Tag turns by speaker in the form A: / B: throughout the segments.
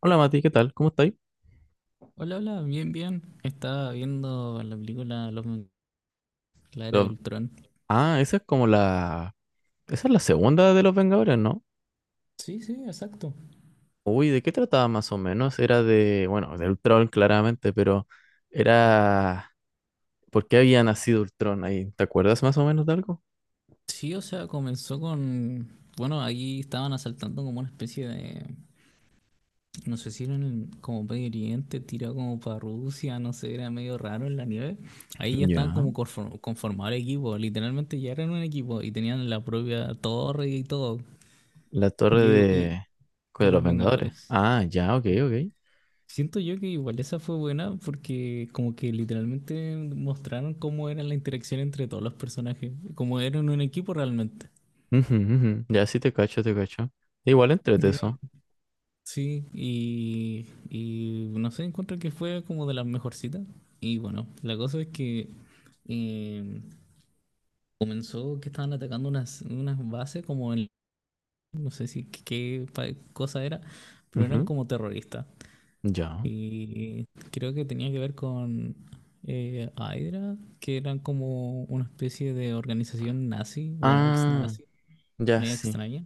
A: Hola Mati, ¿qué tal? ¿Cómo estáis?
B: Hola, hola, bien, bien. Estaba viendo la película La Era de
A: Los-
B: Ultrón.
A: Ah, esa es como la... Esa es la segunda de los Vengadores, ¿no?
B: Sí, sí, exacto.
A: Uy, ¿de qué trataba más o menos? Era de... Bueno, de Ultron claramente, pero era... ¿Por qué había nacido Ultron ahí? ¿Te acuerdas más o menos de algo?
B: Sí, o sea, comenzó con... Bueno, ahí estaban asaltando como una especie de... No sé si era como Medio Oriente, tirado como para Rusia, no sé, era medio raro en la nieve. Ahí ya estaban
A: Ya.
B: como conformado el equipo, literalmente ya eran un equipo y tenían la propia torre y todo.
A: La torre
B: Y,
A: de...
B: y- de
A: De los
B: los
A: Vengadores.
B: Vengadores.
A: Ah, ya, ok, ok.
B: Siento yo que igual esa fue buena porque como que literalmente mostraron cómo era la interacción entre todos los personajes, como eran un equipo realmente.
A: Ujú, ujú. Ya, sí te cacho, te cacho. Igual entrete
B: Ya.
A: eso.
B: Sí, y no sé, encuentro que fue como de las mejorcitas. Y bueno, la cosa es que eh, comenzó que estaban atacando unas bases como en, no sé si cosa era, pero eran
A: Ujú,
B: como terroristas.
A: ya.
B: Creo que tenía que ver con Hydra, que eran como una especie de organización nazi, bueno, ex
A: Ah,
B: nazi,
A: ya
B: media
A: sí.
B: extraña.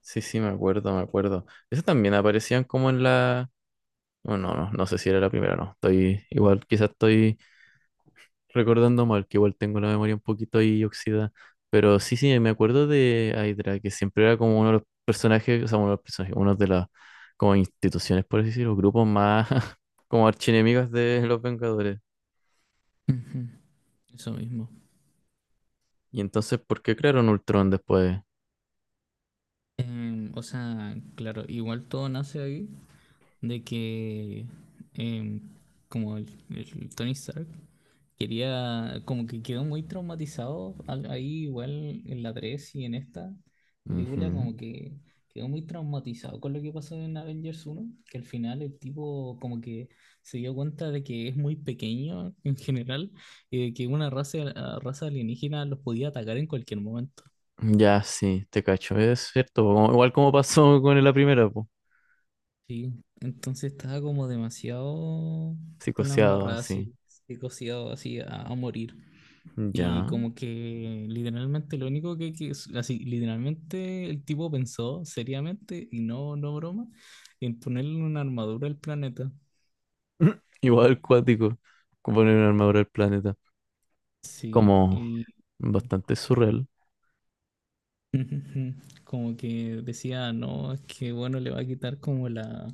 A: Sí, sí, me acuerdo, me acuerdo. Eso también aparecían como en la... no no, no no sé si era la primera, no. Estoy igual, quizás estoy recordando mal, que igual tengo la memoria un poquito ahí oxidada. Pero sí, sí, me acuerdo de Hydra, que siempre era como uno de los personajes, o sea, uno de los personajes, uno de las como instituciones, por así decirlo, grupos más como archienemigos de los Vengadores.
B: Ujú. Eso mismo.
A: Y entonces, ¿por qué crearon Ultron después?
B: O sea, claro, igual todo nace ahí de que em, como el Tony Stark quería, como que quedó muy traumatizado ahí igual en la 3 y en esta película,
A: Ujú.
B: como que quedó muy traumatizado con lo que pasó en Avengers uno, que al final el tipo como que se dio cuenta de que es muy pequeño en general y de que una raza alienígena los podía atacar en cualquier momento.
A: Ya, sí, te cacho, es cierto, po, como- igual como pasó con la primera, pues,
B: Sí, entonces estaba como demasiado con la
A: psicoseado,
B: embarrada,
A: así.
B: así, psicoseado así a morir. Y
A: Ya.
B: como que literalmente lo único así, literalmente el tipo pensó seriamente, y no, no broma, en ponerle una armadura al planeta.
A: Igual cuático, como poner una armadura al planeta.
B: Sí,
A: Como
B: y
A: bastante surreal.
B: como que decía, no, es que bueno, le va a quitar como la...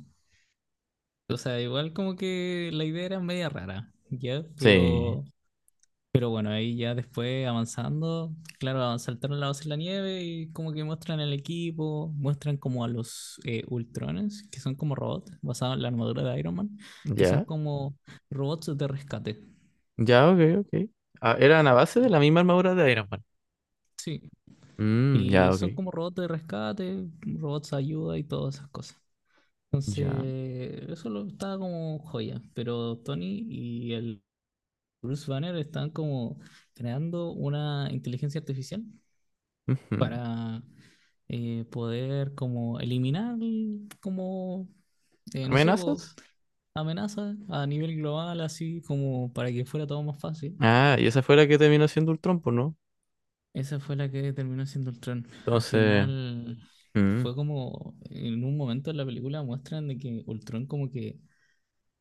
B: O sea, igual como que la idea era media rara, ¿ya?
A: Sí.
B: Pero bueno, ahí ya después avanzando, claro, saltaron la base en la nieve y como que muestran el equipo, muestran como a los Ultrones, que son como robots basados en la armadura de Iron Man, que son
A: Ya.
B: como robots de rescate.
A: Ya, ok, ok. Ah, eran a base de
B: Y-
A: la misma armadura de Iron Man.
B: Sí,
A: Mm,
B: y
A: ya, ok.
B: son como robots de rescate, robots de ayuda y todas esas cosas.
A: Ya.
B: Entonces, estaba como joya, pero Tony y el Bruce Banner están como creando una inteligencia artificial
A: Ujú.
B: para poder como eliminar como, no sé, po,
A: ¿Amenazas?
B: amenazas a nivel global, así como para que fuera todo más fácil.
A: Ah, y esa fue la que terminó siendo Ultron, pues, ¿no?
B: Esa fue la que terminó siendo Ultron. Al
A: Entonces.
B: final
A: Mm,
B: fue como, en un momento en la película muestran de que Ultron como que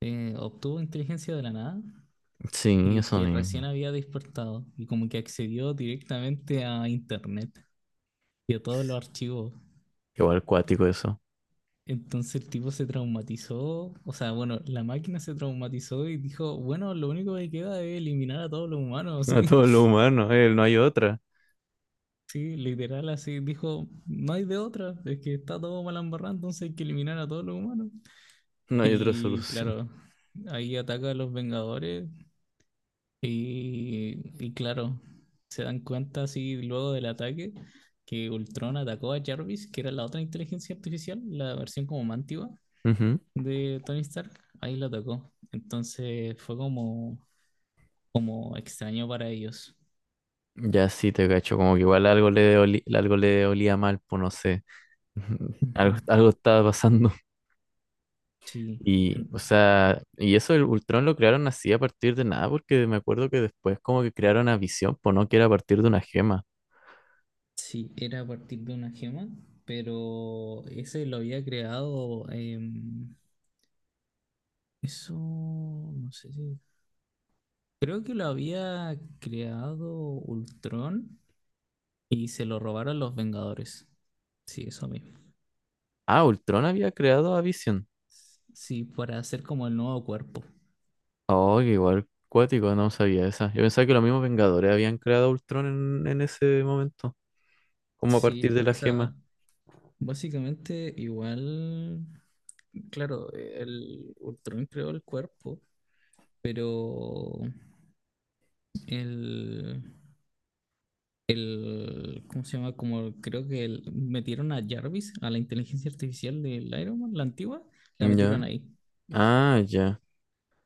B: obtuvo inteligencia de la nada
A: sí,
B: y
A: eso
B: que recién
A: mismo.
B: había despertado y como que accedió directamente a internet y a todos los archivos.
A: Igual cuático eso.
B: Entonces el tipo se traumatizó, o sea, bueno, la máquina se traumatizó y dijo, bueno, lo único que queda es eliminar a todos los humanos, sí.
A: A todo lo humano, él, no hay otra.
B: Sí, literal así, dijo, no hay de otra, es que está todo mal embarrado, entonces hay que eliminar a todos los humanos.
A: No hay otra
B: Y
A: solución.
B: claro, ahí ataca a los Vengadores y claro, se dan cuenta así luego del ataque que Ultron atacó a Jarvis, que era la otra inteligencia artificial, la versión como más antigua
A: Ujú.
B: de Tony Stark, ahí lo tocó. Entonces fue como, como extraño para ellos.
A: Ya sí te cacho, como que igual algo le oli- algo le olía mal, pues no sé. Ujú. Algo,
B: Ujú.
A: algo estaba pasando.
B: Sí,
A: Y,
B: en-
A: o sea, y eso el Ultron lo crearon así a partir de nada, porque me acuerdo que después como que crearon a Visión, pues no, que era a partir de una gema.
B: sí, era a partir de una gema, pero ese lo había creado, em, eso, no sé si, creo que lo había creado Ultron y se lo robaron los Vengadores. Sí, eso mismo.
A: Ah, Ultron había creado a Visión.
B: Sí, para hacer como el nuevo cuerpo.
A: Oh, que igual cuático, no sabía esa. Yo pensaba que los mismos Vengadores habían creado a Ultron en ese momento, como a partir
B: Sí,
A: de la
B: o sea,
A: gema.
B: básicamente, igual, claro, el Ultron creó el cuerpo, pero el, el, ¿cómo se llama? Como creo que metieron a Jarvis, a la inteligencia artificial del Iron Man, la antigua, la
A: Ya.
B: metieron ahí.
A: Ah, ya.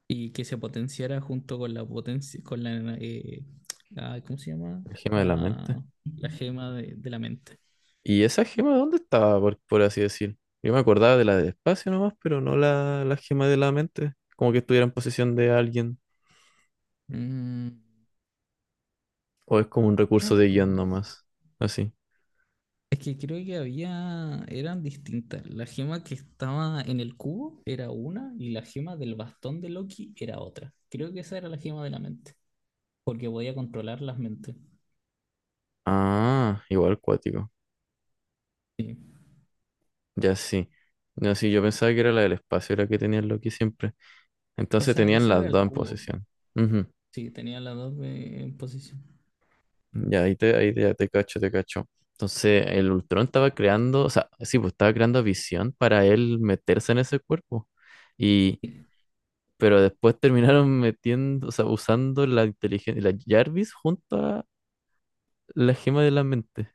B: Y que se potenciara junto con la potencia, con la, ¿cómo se llama?
A: La gema de la mente.
B: La, la gema de la mente.
A: ¿Y esa gema dónde estaba, por así decir? Yo me acordaba de la del espacio nomás, pero no la, la gema de la mente. Como que estuviera en posesión de alguien.
B: Mm,
A: O es como un
B: buena
A: recurso de guión
B: pregunta.
A: nomás. Así.
B: Es que creo que había, eran distintas. La gema que estaba en el cubo era una y la gema del bastón de Loki era otra. Creo que esa era la gema de la mente, porque podía controlar las mentes.
A: Ah, igual cuático.
B: Sí.
A: Ya sí. Ya sí, yo pensaba que era la del espacio, era que tenían lo que siempre.
B: O
A: Entonces
B: sea,
A: tenían
B: esa era
A: las dos
B: el
A: en
B: cubo.
A: posesión. Ujú.
B: Sí, tenía las dos en posición.
A: Ya, ahí te, ya te cacho, te cacho. Entonces el Ultron estaba creando, o sea, sí, pues estaba creando visión para él meterse en ese cuerpo. Y
B: Sí,
A: pero después terminaron metiendo, o sea, usando la inteligencia, la Jarvis junto a la gema de la mente,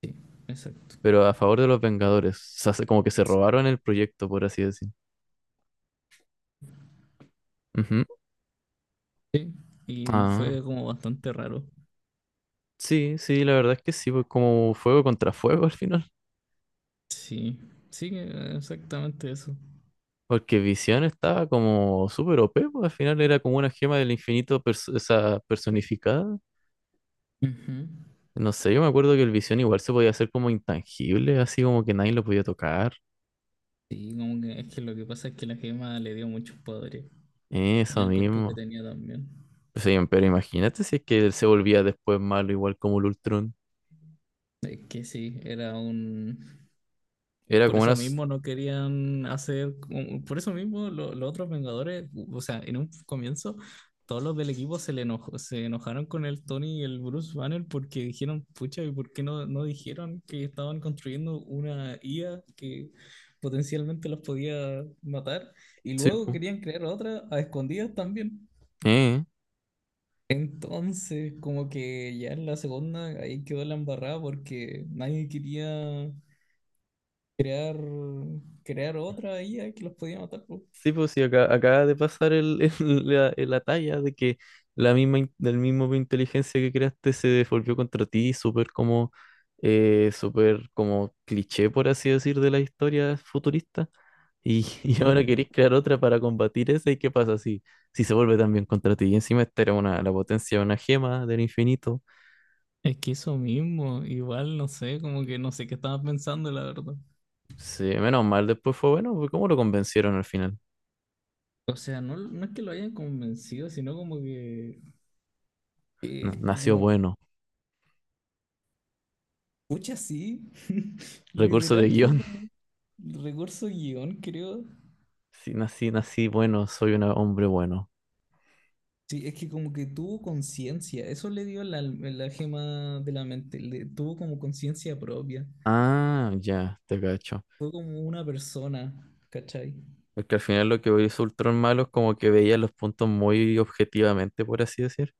B: sí, exacto.
A: pero a favor de los Vengadores. O sea, se- como que se
B: Sí.
A: robaron el proyecto, por así decir. Ujú.
B: Y
A: Ah,
B: fue como bastante raro.
A: sí, sí, la verdad es que sí, pues como fuego contra fuego al final.
B: Sí, sí, exactamente eso.
A: Porque Visión estaba como súper OP, pues al final era como una gema del infinito pers- esa personificada.
B: Ujú.
A: No sé, yo me acuerdo que el Visión igual se podía hacer como intangible, así como que nadie lo podía tocar.
B: Sí, como que es que lo que pasa es que la gema le dio muchos poderes y
A: Eso
B: el cuerpo que
A: mismo.
B: tenía también.
A: Sí, pero imagínate si es que él se volvía después malo, igual como el Ultron.
B: Es que sí, era un...
A: Era
B: Por
A: como una...
B: eso
A: s-
B: mismo no querían hacer... Por eso mismo los otros Vengadores, o sea, en un comienzo, todos los del equipo se enojaron con el Tony y el Bruce Banner porque dijeron, pucha, ¿y por qué no dijeron que estaban construyendo una IA que potencialmente los podía matar? Y
A: Sí,
B: luego
A: pues.
B: querían crear otra a escondidas también.
A: Eh.
B: Entonces, como que ya en la segunda ahí quedó la embarrada porque nadie quería crear, crear otra IA que los podía matar, po.
A: Sí, pues sí, acá, acaba de pasar el, el- la talla de que la misma, in- del mismo inteligencia que creaste se devolvió contra ti, súper como cliché, por así decir, de la historia futurista. Y, y
B: Ujú.
A: ahora queréis crear otra para combatir esa, ¿y qué pasa si, si se vuelve también contra ti? Y encima esta era una, la potencia de una gema del infinito.
B: Es que eso mismo, igual no sé, como que no sé qué estaba pensando, la verdad.
A: Sí, menos mal, después fue bueno, porque ¿cómo lo convencieron al final?
B: O sea, no, no es que lo hayan convencido, sino como que,
A: Na-
B: eh,
A: Nació
B: como,
A: bueno.
B: pucha, sí,
A: Recurso de
B: literal fue
A: guión.
B: como recurso guión, creo.
A: Sí, nací, nací bueno, soy un hombre bueno.
B: Sí, es que como que tuvo conciencia, eso le dio la gema de la mente, le, tuvo como conciencia propia,
A: Ah, ya, te cacho.
B: fue como una persona, ¿cachai?
A: Es que al final lo que hizo Ultron malo es como que veía los puntos muy objetivamente, por así decir.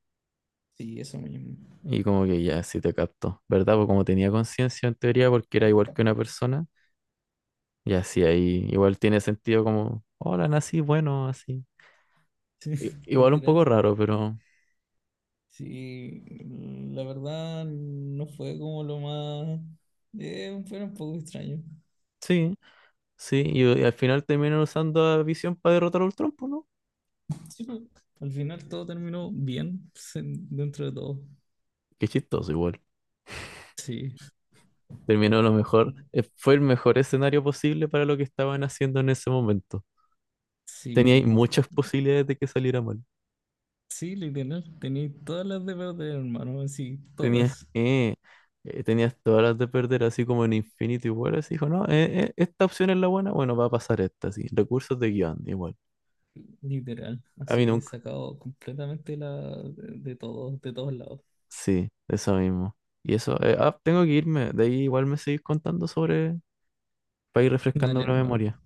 B: Sí, eso mismo,
A: Y como que ya, sí te capto. ¿Verdad? Porque como tenía conciencia en teoría, porque era igual que una persona. Y así ahí igual tiene sentido como, hola, nací bueno, así.
B: sí,
A: I- igual un poco
B: literal.
A: raro, pero
B: Sí, la verdad no fue como lo más... fue un poco extraño.
A: sí. Sí, y al final terminaron usando a Visión para derrotar a Ultron, pues, ¿no?
B: Sí, pero al final todo terminó dentro de todo.
A: Qué chistoso igual.
B: Sí,
A: Terminó lo mejor, fue el mejor escenario posible para lo que estaban haciendo en ese momento.
B: sí,
A: Teníais muchas posibilidades de que saliera mal.
B: sí, literal. Tenía todas las de perder, hermano, así,
A: Tenías,
B: todas,
A: tenías todas las de perder, así como en Infinity War, así dijo, no, esta opción es la buena, bueno, va a pasar esta, sí. Recursos de guión, igual.
B: literal.
A: A mí
B: Así,
A: nunca,
B: sacado completamente de todos lados.
A: sí, eso mismo. Y eso, ah, tengo que irme, de ahí igual me seguís contando sobre, para ir refrescando
B: Dale,
A: la
B: hermano.
A: memoria.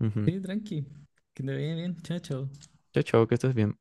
A: Ujú.
B: Sí, tranqui. Que te vaya bien, chao, chao.
A: Chao, chao, que estés bien.